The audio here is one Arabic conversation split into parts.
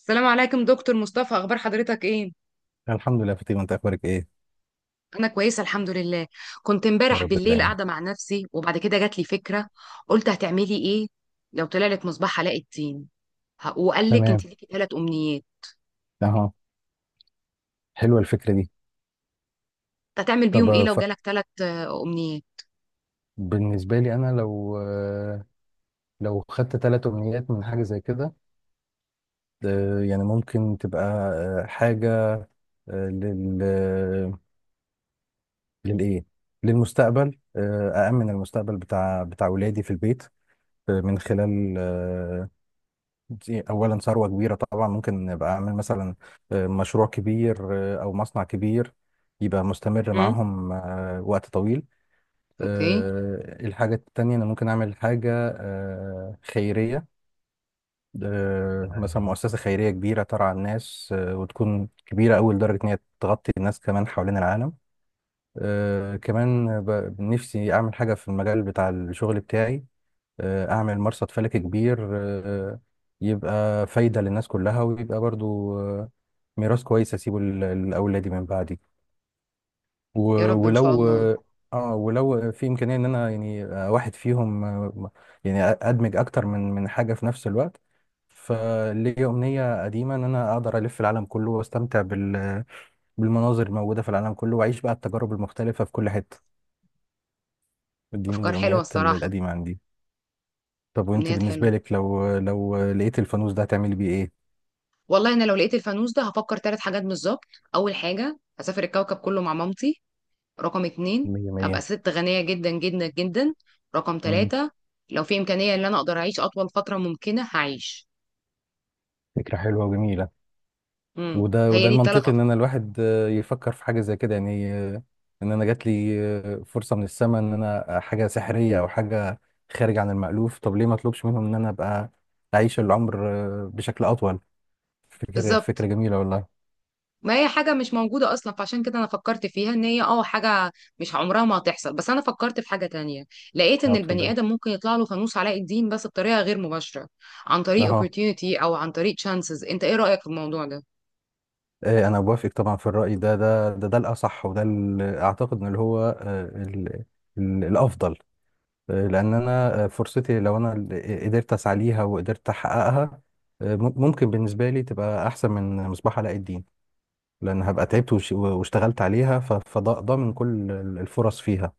السلام عليكم دكتور مصطفى، اخبار حضرتك ايه؟ الحمد لله فاطمة، انت اخبارك ايه؟ انا كويسه الحمد لله. كنت يا امبارح رب بالليل دايما. قاعده مع نفسي وبعد كده جات لي فكره. قلت هتعملي ايه لو طلع لك مصباح علاء الدين وقال لك تمام. انت ليكي ثلاث امنيات؟ اهو. حلوه الفكره دي. هتعمل طب بيهم ايه لو جالك ثلاث امنيات؟ بالنسبه لي انا، لو لو خدت ثلاث امنيات من حاجه زي كده، يعني ممكن تبقى حاجة آه، لل آه، للايه للمستقبل. أأمن المستقبل بتاع ولادي في البيت آه، من خلال آه، دي أولا ثروة كبيرة، طبعا ممكن أبقى أعمل مثلا مشروع كبير، أو مصنع كبير يبقى مستمر امم، معاهم وقت طويل. اوكي. الحاجة التانية أنا ممكن أعمل حاجة خيرية، مثلا مؤسسة خيرية كبيرة ترعى الناس، وتكون كبيرة أوي لدرجة إن هي تغطي الناس كمان حوالين العالم. كمان نفسي أعمل حاجة في المجال بتاع الشغل بتاعي. أعمل مرصد فلكي كبير يبقى فايدة للناس كلها، ويبقى برضو ميراث كويس أسيبه لأولادي من بعدي. يا رب ان شاء ولو... الله. اه، ولو في امكانيه ان انا يعني واحد فيهم، يعني ادمج اكتر من حاجه في نفس الوقت. فليا امنيه قديمه ان انا اقدر الف العالم كله، واستمتع بالمناظر الموجوده في العالم كله، واعيش بقى التجارب المختلفه في كل حته. دي من افكار حلوه الامنيات الصراحه. القديمه عندي. طب وانت امنيات بالنسبه حلوه. لك، لو لقيت الفانوس ده هتعملي بيه ايه؟ والله انا لو لقيت الفانوس ده هفكر ثلاث حاجات بالظبط. اول حاجه هسافر الكوكب كله مع مامتي. رقم 2، مية ابقى مية. ست غنية جدا جدا جدا. رقم مم. تلاتة لو في امكانية ان انا اقدر اعيش اطول فترة ممكنة هعيش. فكره حلوه وجميله. وده هي وده دي التلات المنطقي ان انا افكار. الواحد يفكر في حاجه زي كده، يعني ان انا جات لي فرصه من السماء، ان انا حاجه سحريه او حاجه خارج عن المألوف. طب ليه ما اطلبش منهم ان انا ابقى اعيش العمر بشكل اطول. فكره بالظبط. جميله والله. ما هي حاجة مش موجودة أصلا، فعشان كده أنا فكرت فيها إن هي حاجة مش عمرها ما هتحصل. بس أنا فكرت في حاجة تانية. لقيت اه، إن البني اتفضل. آدم ممكن يطلع له فانوس علاء الدين بس بطريقة غير مباشرة، عن طريق اهو. opportunity أو عن طريق chances. أنت إيه رأيك في الموضوع ده؟ انا بوافق طبعا في الرأي ده الاصح. وده اعتقد ان اللي هو الافضل. لان انا فرصتي لو انا اللي قدرت اسعى ليها وقدرت احققها، ممكن بالنسبه لي تبقى احسن من مصباح علاء الدين. لان هبقى تعبت واشتغلت عليها، فضامن كل الفرص فيها.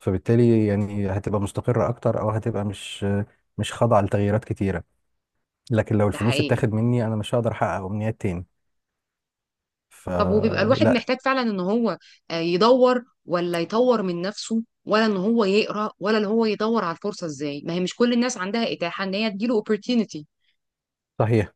فبالتالي يعني هتبقى مستقره اكتر، او هتبقى مش خاضعه لتغييرات كتيره. لكن لو ده الفلوس حقيقي. اتاخد مني انا مش هقدر احقق امنيات تاني. طب وبيبقى الواحد فلا. محتاج فعلا ان هو يدور ولا يطور من نفسه، ولا ان هو يقرا، ولا ان هو يدور على الفرصه؟ ازاي ما هي مش كل الناس عندها اتاحه ان هي تجيله opportunity؟ صحيح.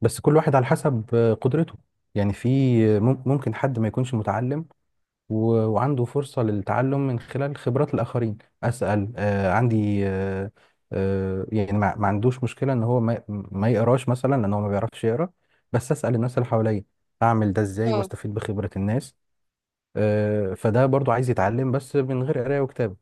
بس كل واحد على حسب قدرته. يعني في... ممكن حد ما يكونش متعلم وعنده فرصة للتعلم من خلال خبرات الآخرين. أسأل. آه عندي آه آه يعني ما عندوش مشكلة إن هو ما يقراش مثلا، لأن هو ما بيعرفش يقرا. بس أسأل الناس اللي حواليا، أعمل ده إزاي اه. وأستفيد بخبرة الناس. فده برضو عايز يتعلم بس من غير قراية وكتابة.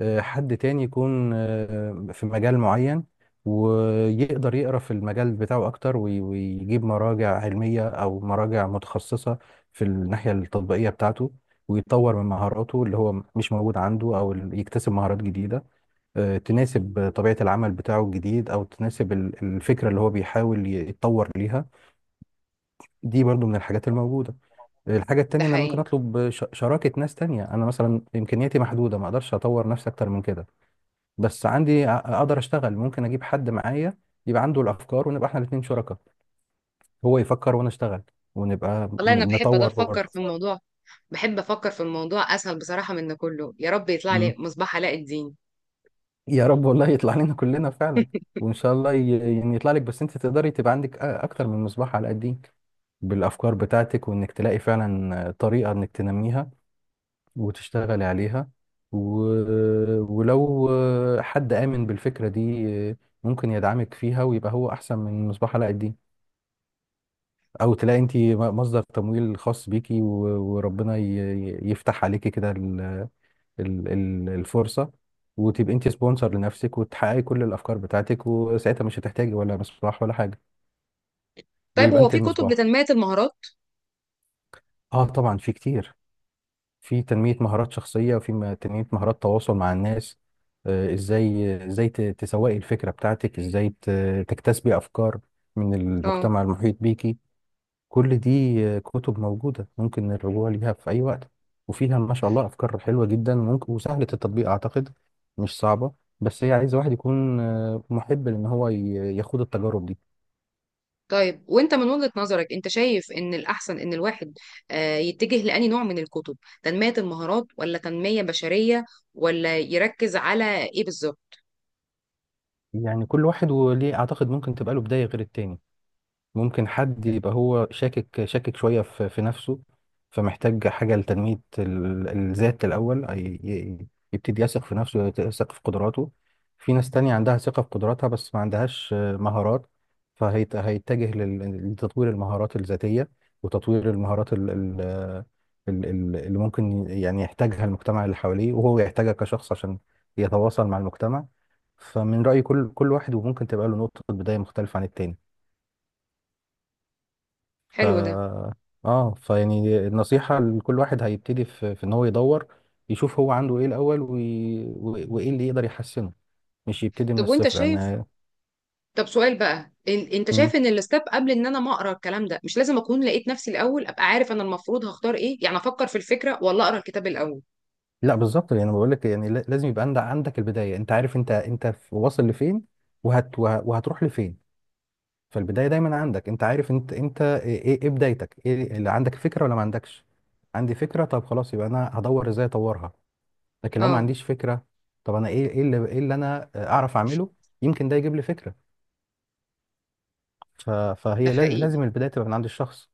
حد تاني يكون في مجال معين ويقدر يقرا في المجال بتاعه اكتر، ويجيب مراجع علميه او مراجع متخصصه في الناحيه التطبيقيه بتاعته، ويطور من مهاراته اللي هو مش موجود عنده، او يكتسب مهارات جديده تناسب طبيعه العمل بتاعه الجديد، او تناسب الفكره اللي هو بيحاول يتطور ليها. دي برضو من الحاجات الموجوده. الحاجة ده التانية، أنا ممكن حقيقي. أطلب شراكة ناس تانية. أنا مثلا إمكانياتي محدودة، ما أقدرش أطور نفسي أكتر من كده. بس عندي... اقدر اشتغل، ممكن اجيب حد معايا يبقى عنده الافكار، ونبقى احنا الاثنين شركاء، هو يفكر وانا اشتغل، ونبقى والله انا بحب ده نطور افكر برضه. في الموضوع. بحب افكر في الموضوع اسهل بصراحه من ده كله. يا رب يطلع لي مم. مصباح علاء الدين. يا رب. والله يطلع لنا كلنا فعلا، وان شاء الله يعني يطلع لك، بس انت تقدري تبقى عندك اكتر من مصباح على قديك بالافكار بتاعتك، وانك تلاقي فعلا طريقة انك تنميها وتشتغلي عليها. و... ولو حد آمن بالفكرة دي ممكن يدعمك فيها، ويبقى هو احسن من مصباح علاء الدين. او تلاقي انت مصدر تمويل خاص بيكي، وربنا يفتح عليكي كده الفرصة، وتبقي انت سبونسر لنفسك وتحققي كل الافكار بتاعتك، وساعتها مش هتحتاجي ولا مصباح ولا حاجة. طيب، ويبقى هو انت في كتب المصباح. لتنميه المهارات؟ اه، طبعا في كتير. في تنمية مهارات شخصية، وفي تنمية مهارات تواصل مع الناس. ازاي ازاي ت- تسوقي الفكرة بتاعتك، ازاي تكتسبي افكار من اه. المجتمع المحيط بيكي. كل دي كتب موجودة ممكن الرجوع ليها في أي وقت، وفيها ما شاء الله أفكار حلوة جدا ممكن، وسهلة التطبيق أعتقد، مش صعبة. بس هي عايزة واحد يكون محب لأن هو يخوض التجارب دي. طيب وانت من وجهة نظرك انت شايف ان الاحسن ان الواحد يتجه لأني نوع من الكتب، تنمية المهارات ولا تنمية بشرية؟ ولا يركز على ايه بالظبط؟ يعني كل واحد وليه، أعتقد ممكن تبقى له بداية غير التاني. ممكن حد يبقى هو شاكك شاكك شوية في نفسه، فمحتاج حاجة لتنمية الذات الأول، يبتدي يثق في نفسه، يثق في قدراته. في ناس تانية عندها ثقة في قدراتها، بس ما عندهاش مهارات، فهيتجه لتطوير المهارات الذاتية، وتطوير المهارات اللي ممكن يعني يحتاجها المجتمع اللي حواليه، وهو يحتاجها كشخص عشان يتواصل مع المجتمع. فمن رأيي كل واحد وممكن تبقى له نقطة بداية مختلفة عن التاني. ف حلو ده. اه فيعني النصيحة لكل واحد هيبتدي، في ان هو يدور، يشوف هو عنده ايه الاول، وايه اللي يقدر يحسنه، مش يبتدي من طب وانت الصفر شايف انا. طب سؤال بقى، انت مم. شايف ان الستاب قبل ان انا ما اقرا الكلام ده مش لازم اكون لقيت نفسي الاول، ابقى عارف انا المفروض هختار ايه؟ يعني افكر في الفكرة ولا اقرا الكتاب الاول؟ لا بالظبط، يعني بقول لك يعني لازم يبقى عندك البداية. انت عارف انت واصل لفين، وهتروح لفين. فالبداية دايما عندك، انت عارف انت ايه ايه إيه بدايتك، ايه اللي عندك فكرة ولا ما عندكش. عندي فكرة، طب خلاص يبقى انا هدور ازاي اطورها. لكن لو ما اه. عنديش فكرة، طب انا ايه ايه اللي انا اعرف اعمله. يمكن ده يجيب لي فكرة. ده فهي حقيقي. لازم البداية تبقى من عند الشخص.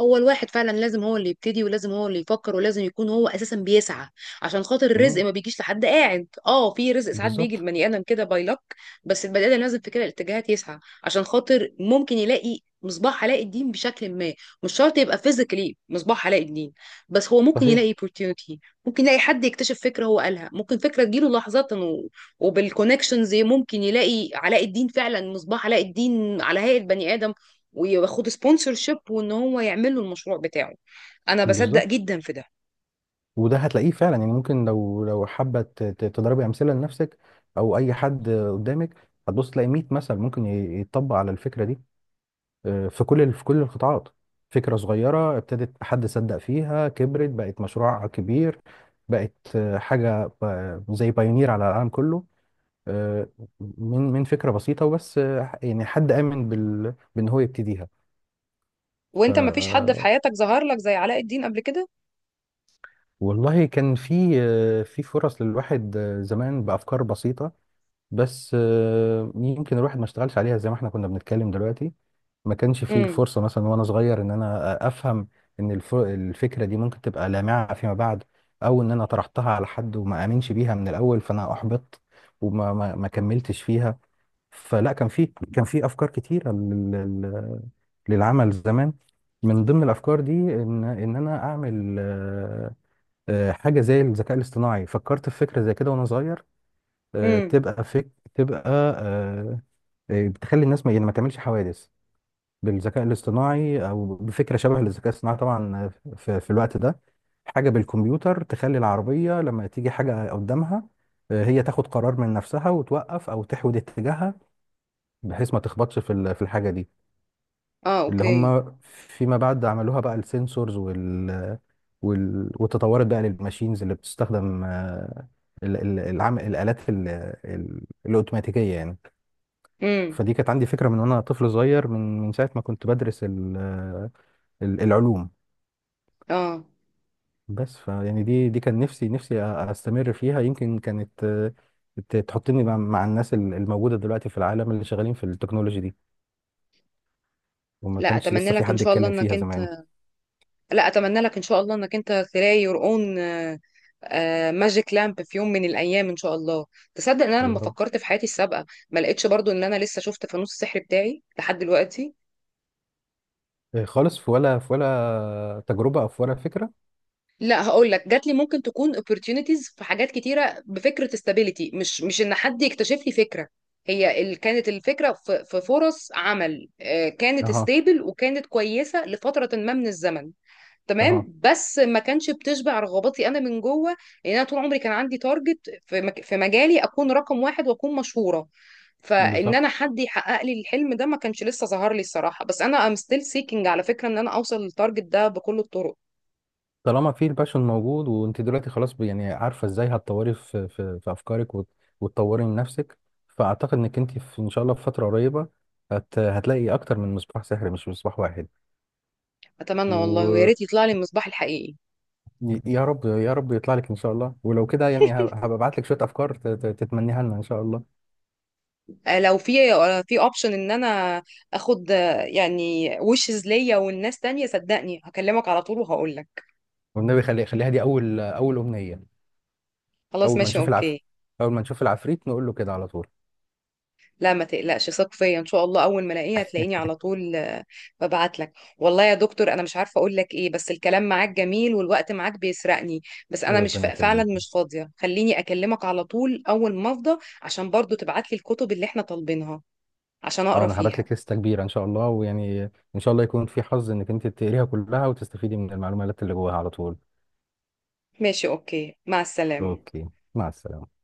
هو الواحد فعلا لازم هو اللي يبتدي، ولازم هو اللي يفكر، ولازم يكون هو اساسا بيسعى عشان خاطر الرزق مم. ما بيجيش لحد قاعد. اه في رزق ساعات بيجي بالظبط. لبني ادم كده باي لك. بس البني ادم لازم في كده الاتجاهات يسعى عشان خاطر ممكن يلاقي مصباح علاء الدين بشكل ما. مش شرط يبقى فيزيكلي مصباح علاء الدين، بس هو ممكن صحيح. يلاقي opportunity. ممكن يلاقي حد يكتشف فكره هو قالها، ممكن فكره تجيله لحظة وبالكونكشنز ممكن يلاقي علاء الدين فعلا، مصباح علاء الدين على هيئة بني ادم، وياخد سبونسر شيب وان هو يعمل له المشروع بتاعه. انا بصدق بالظبط. جدا في ده. وده هتلاقيه فعلا، يعني ممكن لو حابة تضربي أمثلة لنفسك او اي حد قدامك، هتبص تلاقي 100 مثل ممكن يتطبق على الفكرة دي في كل القطاعات. فكرة صغيرة ابتدت، حد صدق فيها، كبرت، بقت مشروع كبير، بقت حاجة زي بايونير على العالم كله. آه، من فكرة بسيطة وبس، يعني حد آمن بأن هو يبتديها. ف وانت ما فيش حد في حياتك ظهر لك زي علاء الدين قبل كده؟ والله كان في... في فرص للواحد زمان بأفكار بسيطة، بس يمكن الواحد ما اشتغلش عليها، زي ما احنا كنا بنتكلم دلوقتي. ما كانش فيه امم. الفرصة مثلا وأنا صغير إن أنا أفهم إن الفكرة دي ممكن تبقى لامعة فيما بعد، أو إن أنا طرحتها على حد وما آمنش بيها من الأول فأنا أحبطت وما ما ما كملتش فيها. فلا، كان في افكار كتيره للعمل زمان. من ضمن الافكار دي ان انا اعمل حاجه زي الذكاء الاصطناعي. فكرت في فكره زي كده وانا صغير، امم. تبقى تبقى بتخلي الناس ما يعني ما تعملش حوادث، بالذكاء الاصطناعي او بفكره شبه للذكاء الاصطناعي طبعا في الوقت ده، حاجه بالكمبيوتر تخلي العربيه لما تيجي حاجه قدامها هي تاخد قرار من نفسها وتوقف او تحود اتجاهها، بحيث ما تخبطش في في الحاجه دي. اه، اللي اوكي. هم فيما بعد عملوها بقى السنسورز وال وال وتطورت بقى للماشينز اللي بتستخدم الالات الاوتوماتيكيه يعني. امم. فدي كانت عندي فكره من وانا طفل صغير، من ساعه ما كنت بدرس العلوم. اه. بس فيعني دي كان نفسي استمر فيها، يمكن كانت تحطني مع الناس الموجوده دلوقتي في العالم اللي شغالين في التكنولوجي دي. وما لا كانش اتمنى لسه في لك ان حد شاء الله يتكلم انك فيها زمان. انت لا اتمنى لك ان شاء الله انك انت تلاقي يور اون ماجيك لامب في يوم من الايام ان شاء الله. تصدق ان انا لما يا رب. فكرت في حياتي السابقه ما لقيتش برضو ان انا لسه شفت فانوس السحر بتاعي لحد دلوقتي. إيه خالص؟ في ولا في ولا تجربة أو في ولا فكرة؟ لا، هقول لك جات لي ممكن تكون opportunities في حاجات كتيره بفكره استابيليتي، مش ان حد يكتشف لي فكره. كانت الفكره في فرص عمل، كانت اها. ستيبل وكانت كويسه لفتره ما من الزمن. اها. تمام. بس ما كانش بتشبع رغباتي انا من جوه. لان انا طول عمري كان عندي تارجت في مجالي اكون رقم واحد واكون مشهوره. فان انا بالظبط. حد يحقق لي الحلم ده ما كانش لسه ظهر لي الصراحه. بس انا ستيل سيكينج على فكره ان انا اوصل للتارجت ده بكل الطرق. طالما في الباشون موجود، وأنت دلوقتي خلاص يعني عارفة إزاي هتطوري في أفكارك، وتطوري من نفسك. فأعتقد إنك أنت في إن شاء الله في فترة قريبة هتلاقي أكتر من مصباح سحري، مش مصباح واحد. اتمنى والله، ويا ويا ريت يطلع لي المصباح الحقيقي. رب، يا رب يطلع لك إن شاء الله. ولو كده، يعني هبقى أبعت لك شوية أفكار تتمنيها لنا إن شاء الله. لو في في اوبشن ان انا اخد يعني وشز ليا والناس تانية، صدقني هكلمك على طول وهقول لك. والنبي، خليها دي أول أمنية. خلاص، أول ما ماشي، نشوف العفريت، اوكي. نقول له كده على طول. لا ما تقلقش، ثق فيا ان شاء الله اول ما الاقيها هتلاقيني على طول. ببعت لك. والله يا دكتور انا مش عارفه اقول لك ايه، بس الكلام معاك جميل والوقت معاك بيسرقني. بس انا مش ف... ربنا فعلا يخليك. مش فاضيه. خليني اكلمك على طول اول ما افضى، عشان برضو تبعت لي الكتب اللي احنا طالبينها عشان اه، اقرا انا هبعت فيها. لك لسته كبيره ان شاء الله، ويعني ان شاء الله يكون في حظ انك انت تقريها كلها وتستفيدي من المعلومات اللي جواها على طول. ماشي، اوكي، مع السلامه. اوكي، مع السلامه.